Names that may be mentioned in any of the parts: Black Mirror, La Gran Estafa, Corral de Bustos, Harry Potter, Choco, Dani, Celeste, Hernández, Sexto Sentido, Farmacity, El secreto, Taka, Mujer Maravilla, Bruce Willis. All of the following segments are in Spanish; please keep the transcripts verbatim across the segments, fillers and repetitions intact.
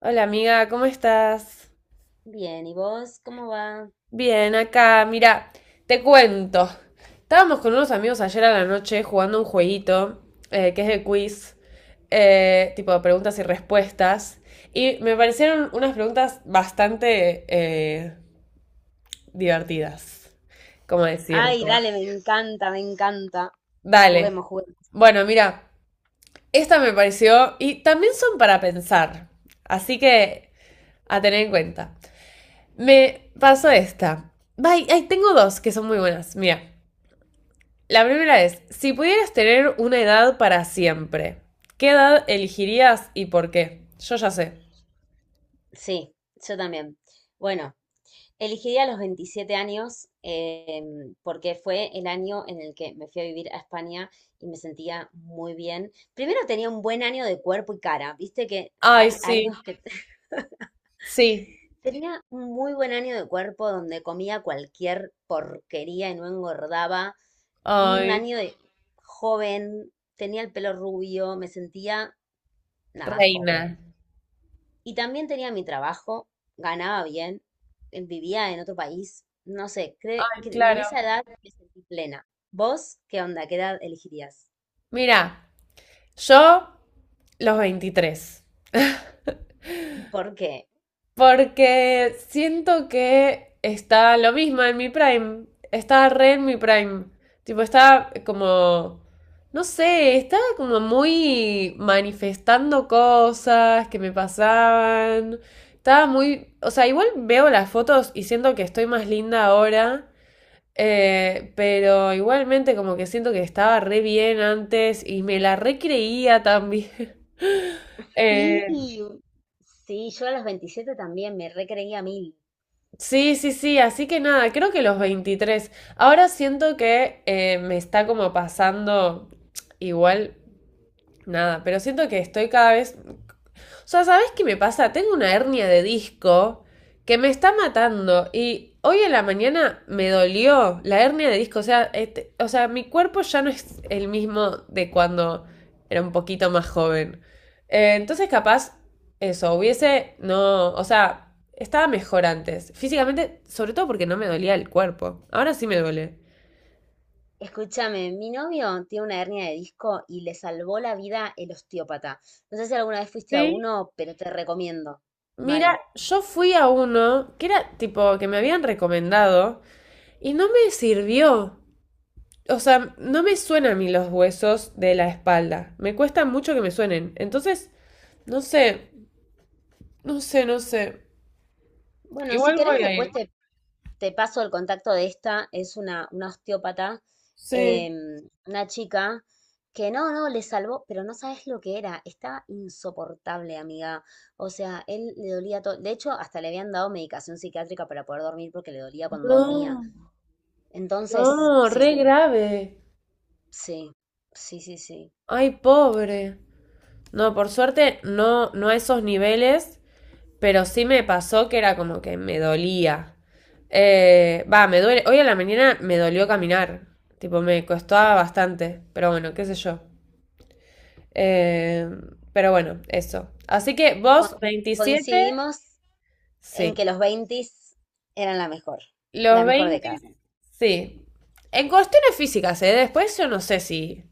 Hola amiga, ¿cómo estás? Bien, ¿y vos cómo va? Bien, acá, mira, te cuento. Estábamos con unos amigos ayer a la noche jugando un jueguito eh, que es de quiz, eh, tipo de preguntas y respuestas, y me parecieron unas preguntas bastante eh, divertidas, ¿cómo Ay, decirte? dale, me encanta, me encanta. Dale. Juguemos, juguemos. Bueno, mira, esta me pareció, y también son para pensar, así que a tener en cuenta. Me pasó esta. Ay, ay, tengo dos que son muy buenas. Mira, la primera es, si pudieras tener una edad para siempre, ¿qué edad elegirías y por qué? Yo ya sé. Sí, yo también. Bueno, elegiría los veintisiete años eh, porque fue el año en el que me fui a vivir a España y me sentía muy bien. Primero tenía un buen año de cuerpo y cara. Viste que Ay, hay sí, años que sí. tenía un muy buen año de cuerpo donde comía cualquier porquería y no engordaba. Un Ay, año de joven, tenía el pelo rubio, me sentía nada joven. reina. Y también tenía mi trabajo, ganaba bien, eh, vivía en otro país. No sé, cre- que en esa Claro. edad me sentí plena. ¿Vos qué onda? ¿Qué edad elegirías? Mira, yo los veintitrés. ¿Por qué? Porque siento que está lo mismo en mi prime. Está re en mi prime. Tipo, está como. No sé, está como muy manifestando cosas que me pasaban. Estaba muy. O sea, igual veo las fotos y siento que estoy más linda ahora. eh, pero igualmente como que siento que estaba re bien antes y me la re creía también. Eh, Sí, sí, yo a los veintisiete también me recreía mil. Sí, sí, sí, así que nada, creo que los veintitrés. Ahora siento que eh, me está como pasando igual, nada, pero siento que estoy cada vez, o sea, ¿sabes qué me pasa? Tengo una hernia de disco que me está matando y hoy en la mañana me dolió la hernia de disco. O sea, este- o sea, mi cuerpo ya no es el mismo de cuando era un poquito más joven. Eh, entonces, capaz, eso, hubiese, no, o sea, estaba mejor antes. Físicamente, sobre todo porque no me dolía el cuerpo. Ahora sí me duele. Escúchame, mi novio tiene una hernia de disco y le salvó la vida el osteópata. No sé si alguna vez fuiste a Sí. uno, pero te recomiendo. Mal. Mira, yo fui a uno que era tipo que me habían recomendado y no me sirvió. O sea, no me suenan a mí los huesos de la espalda. Me cuesta mucho que me suenen. Entonces, no sé, no sé, no sé. Bueno, si Igual querés, voy a ir. después te, te paso el contacto de esta. Es una, una osteópata, Sí. em, una chica que no, no le salvó, pero no sabes lo que era. Estaba insoportable, amiga. O sea, él le dolía todo. De hecho, hasta le habían dado medicación psiquiátrica para poder dormir porque le dolía cuando dormía. No, Entonces, no, sí, re grave. sí, sí, sí, sí. Ay, pobre. No, por suerte, no, no a esos niveles, pero sí me pasó que era como que me dolía. Eh, va, me duele. Hoy a la mañana me dolió caminar. Tipo, me costaba bastante. Pero bueno, qué sé yo. Eh, pero bueno, eso. Así que Con- vos, veintisiete, Coincidimos en sí. que los veinte eran la mejor, la Los mejor veinte, década. sí. En cuestiones físicas, ¿eh? Después yo no sé si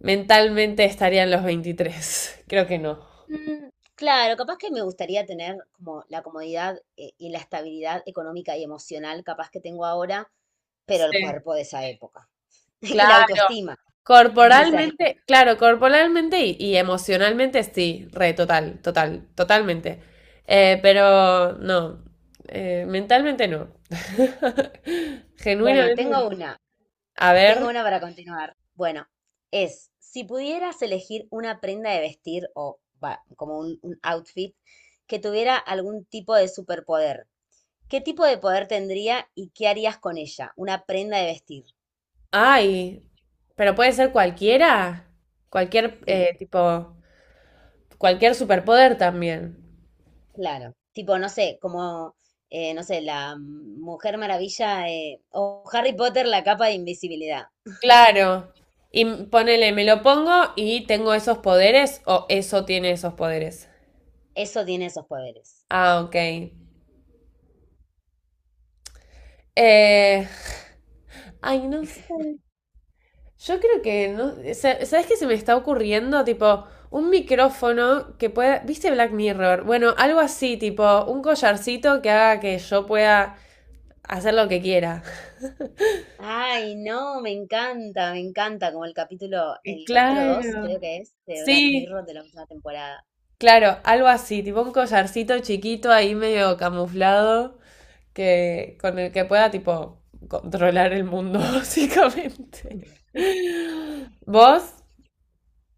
mentalmente estarían los veintitrés. Creo que no. Mm, claro, capaz que me gustaría tener como la comodidad eh, y la estabilidad económica y emocional capaz que tengo ahora, pero el Sí. cuerpo de esa época y la Claro. autoestima de esa época. Corporalmente, claro, corporalmente y, y emocionalmente sí, re, total, total, totalmente. Eh, pero no, eh, mentalmente no. Bueno, Genuinamente, no. tengo una, A tengo ver. una para continuar. Bueno, es, si pudieras elegir una prenda de vestir o va, como un, un outfit que tuviera algún tipo de superpoder, ¿qué tipo de poder tendría y qué harías con ella? Una prenda de vestir. Ay, pero puede ser cualquiera, cualquier Sí, eh, tipo, cualquier superpoder también. claro. Tipo, no sé, como, eh, no sé, la Mujer Maravilla eh, o Harry Potter, la capa de invisibilidad. Claro. Y m- ponele, me lo pongo y tengo esos poderes o eso tiene esos poderes. Eso tiene esos poderes. Ah, ok. Eh, ay, no sé. Yo creo que no. sa- ¿Sabes qué se me está ocurriendo? Tipo, un micrófono que pueda. ¿Viste Black Mirror? Bueno, algo así, tipo, un collarcito que haga que yo pueda hacer lo que quiera. Ay, no, me encanta, me encanta, como el capítulo, Y el capítulo dos, claro. creo que es, de Black Mirror Sí, de la última temporada. claro, algo así, tipo un collarcito chiquito ahí medio camuflado que con el que pueda tipo controlar el mundo básicamente. ¿Vos?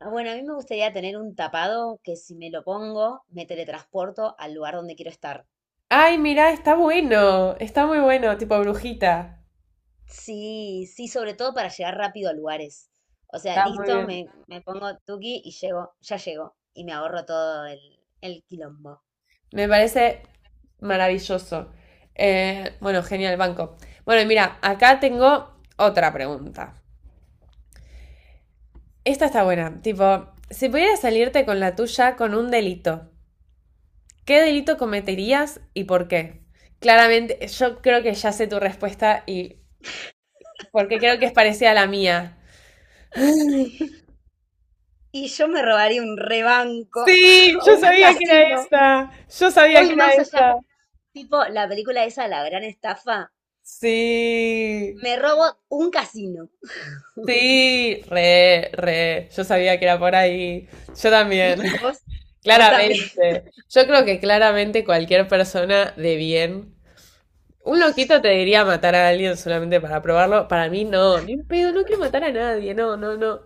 Ah, bueno, a mí me gustaría tener un tapado que si me lo pongo, me teletransporto al lugar donde quiero estar. Ay, mira, está bueno, está muy bueno, tipo brujita. Sí, sí, sobre todo para llegar rápido a lugares. O sea, Está muy listo, bien. me, me pongo tuki y llego, ya llego. Y me ahorro todo el, el quilombo. Me parece maravilloso. Eh, bueno, genial, banco. Bueno, y mira, acá tengo otra pregunta. Esta está buena, tipo, si pudieras salirte con la tuya con un delito. ¿Qué delito cometerías y por qué? Claramente, yo creo que ya sé tu respuesta, y porque creo que es parecida a la mía. Y yo me robaría un rebanco Sí, o yo un sabía que era casino. esta. Yo sabía Voy que era más allá, esta. tipo la película esa, La Gran Estafa. Sí, Me robo un casino. sí, re, re. Yo sabía que era por ahí. Yo también. Vos, vos también. Claramente. Yo creo que claramente cualquier persona de bien. Un loquito te diría matar a alguien solamente para probarlo. Para mí no, ni un pedo, no quiero matar a nadie, no, no, no.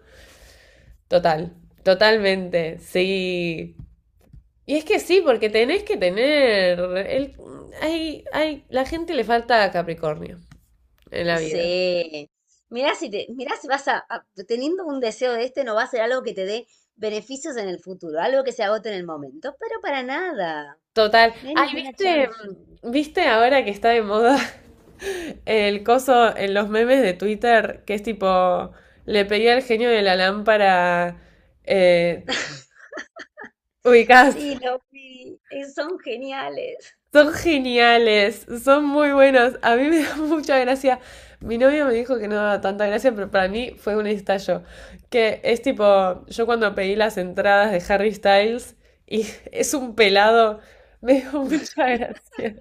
Total, totalmente, sí. Y es que sí, porque tenés que tener. El, hay, hay, la gente le falta Capricornio en la vida. Sí. Mirá si te, mirá si vas a, a- teniendo un deseo de este, no va a ser algo que te dé beneficios en el futuro, algo que se agote en el momento, pero para nada. Total. No hay Ay, ninguna ¿viste, chance. mm, viste ahora que está de moda el coso en los memes de Twitter? Que es tipo, le pedí al genio de la lámpara. Eh, ubicás. Sí, lo vi. eh, Son geniales. Son geniales, son muy buenos. A mí me da mucha gracia. Mi novia me dijo que no daba tanta gracia, pero para mí fue un estallo. Que es tipo, yo cuando pedí las entradas de Harry Styles y es un pelado, me dio mucha gracia.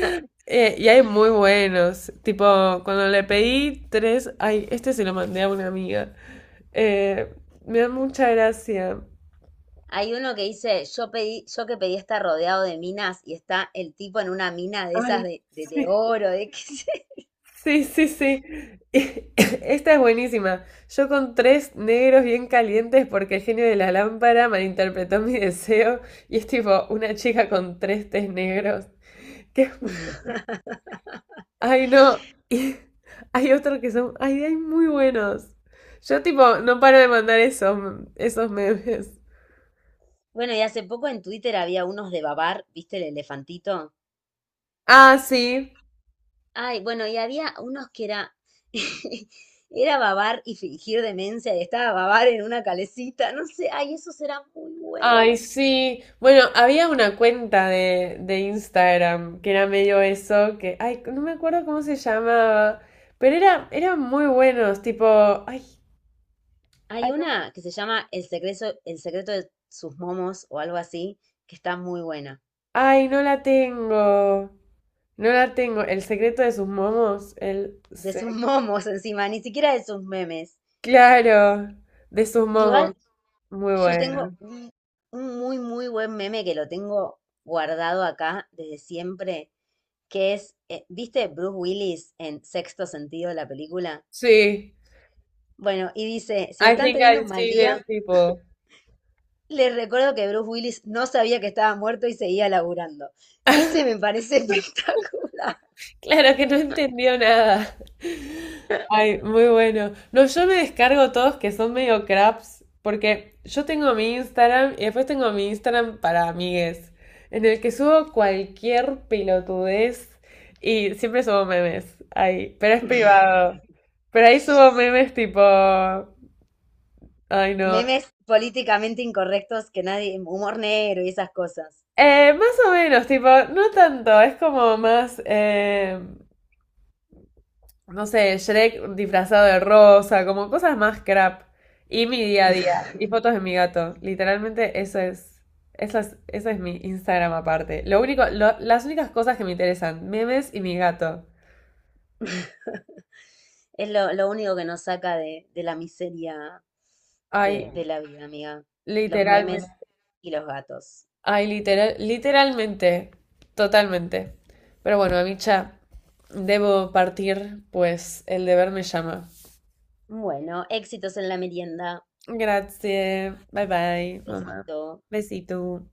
Eh, y hay muy buenos. Tipo, cuando le pedí tres, ay, este se lo mandé a una amiga. Eh, me da mucha gracia. Hay uno que dice, yo pedí, yo que pedí estar rodeado de minas y está el tipo en una mina de esas Ay, de, de, de sí. oro, de qué sé. Sí, sí, sí. Esta es buenísima. Yo con tres negros bien calientes porque el genio de la lámpara malinterpretó mi deseo y es tipo una chica con tres tés negros. Que es mu- Ay, no. Y hay otros que son… Ay, hay muy buenos. Yo tipo no paro de mandar esos, esos memes. Bueno, y hace poco en Twitter había unos de babar, ¿viste el elefantito? Ah, sí. Ay, bueno, y había unos que era, era babar y fingir demencia y estaba babar en una calecita, no sé, ay, esos eran muy buenos. Ay, sí. Bueno, había una cuenta de, de Instagram que era medio eso, que, ay, no me acuerdo cómo se llamaba, pero era, eran muy buenos, tipo, ay, Hay ay, no me- una que se llama El secreto, El secreto de sus momos o algo así, que está muy buena. ay, no la tengo, no la tengo. El secreto de sus momos, el, De sus se- momos encima, ni siquiera de sus memes. claro, de sus Igual momos, muy yo tengo bueno. un, un muy, muy buen meme que lo tengo guardado acá desde siempre, que es, eh, ¿viste Bruce Willis en Sexto Sentido, la película? Sí, Bueno, y dice, si I están think teniendo I un mal see them día, people. les recuerdo que Bruce Willis no sabía que estaba muerto y seguía laburando. Ese me parece espectacular. Claro que no entendió nada. Ay, muy bueno. No, yo me descargo todos que son medio craps, porque yo tengo mi Instagram y después tengo mi Instagram para amigues, en el que subo cualquier pelotudez y siempre subo memes. Ay, pero es privado. Pero ahí subo memes tipo, ay no. Memes políticamente incorrectos que nadie, humor negro y esas cosas. Eh, más o menos, tipo, no tanto, es como más em, no sé, Shrek disfrazado de rosa, como cosas más crap. Y mi día a día, y fotos de mi gato. Literalmente eso es, eso es, eso es mi Instagram aparte. Lo único, lo- las únicas cosas que me interesan, memes y mi gato. Es lo, lo único que nos saca de, de la miseria Ay, de, de la vida, amiga. Los literalmente, memes y los gatos. ay, literal, literalmente, totalmente. Pero bueno, Amicha, debo partir, pues el deber me llama. Bueno, éxitos en la merienda. Gracias. Bye bye, mamá. Besito. Besito.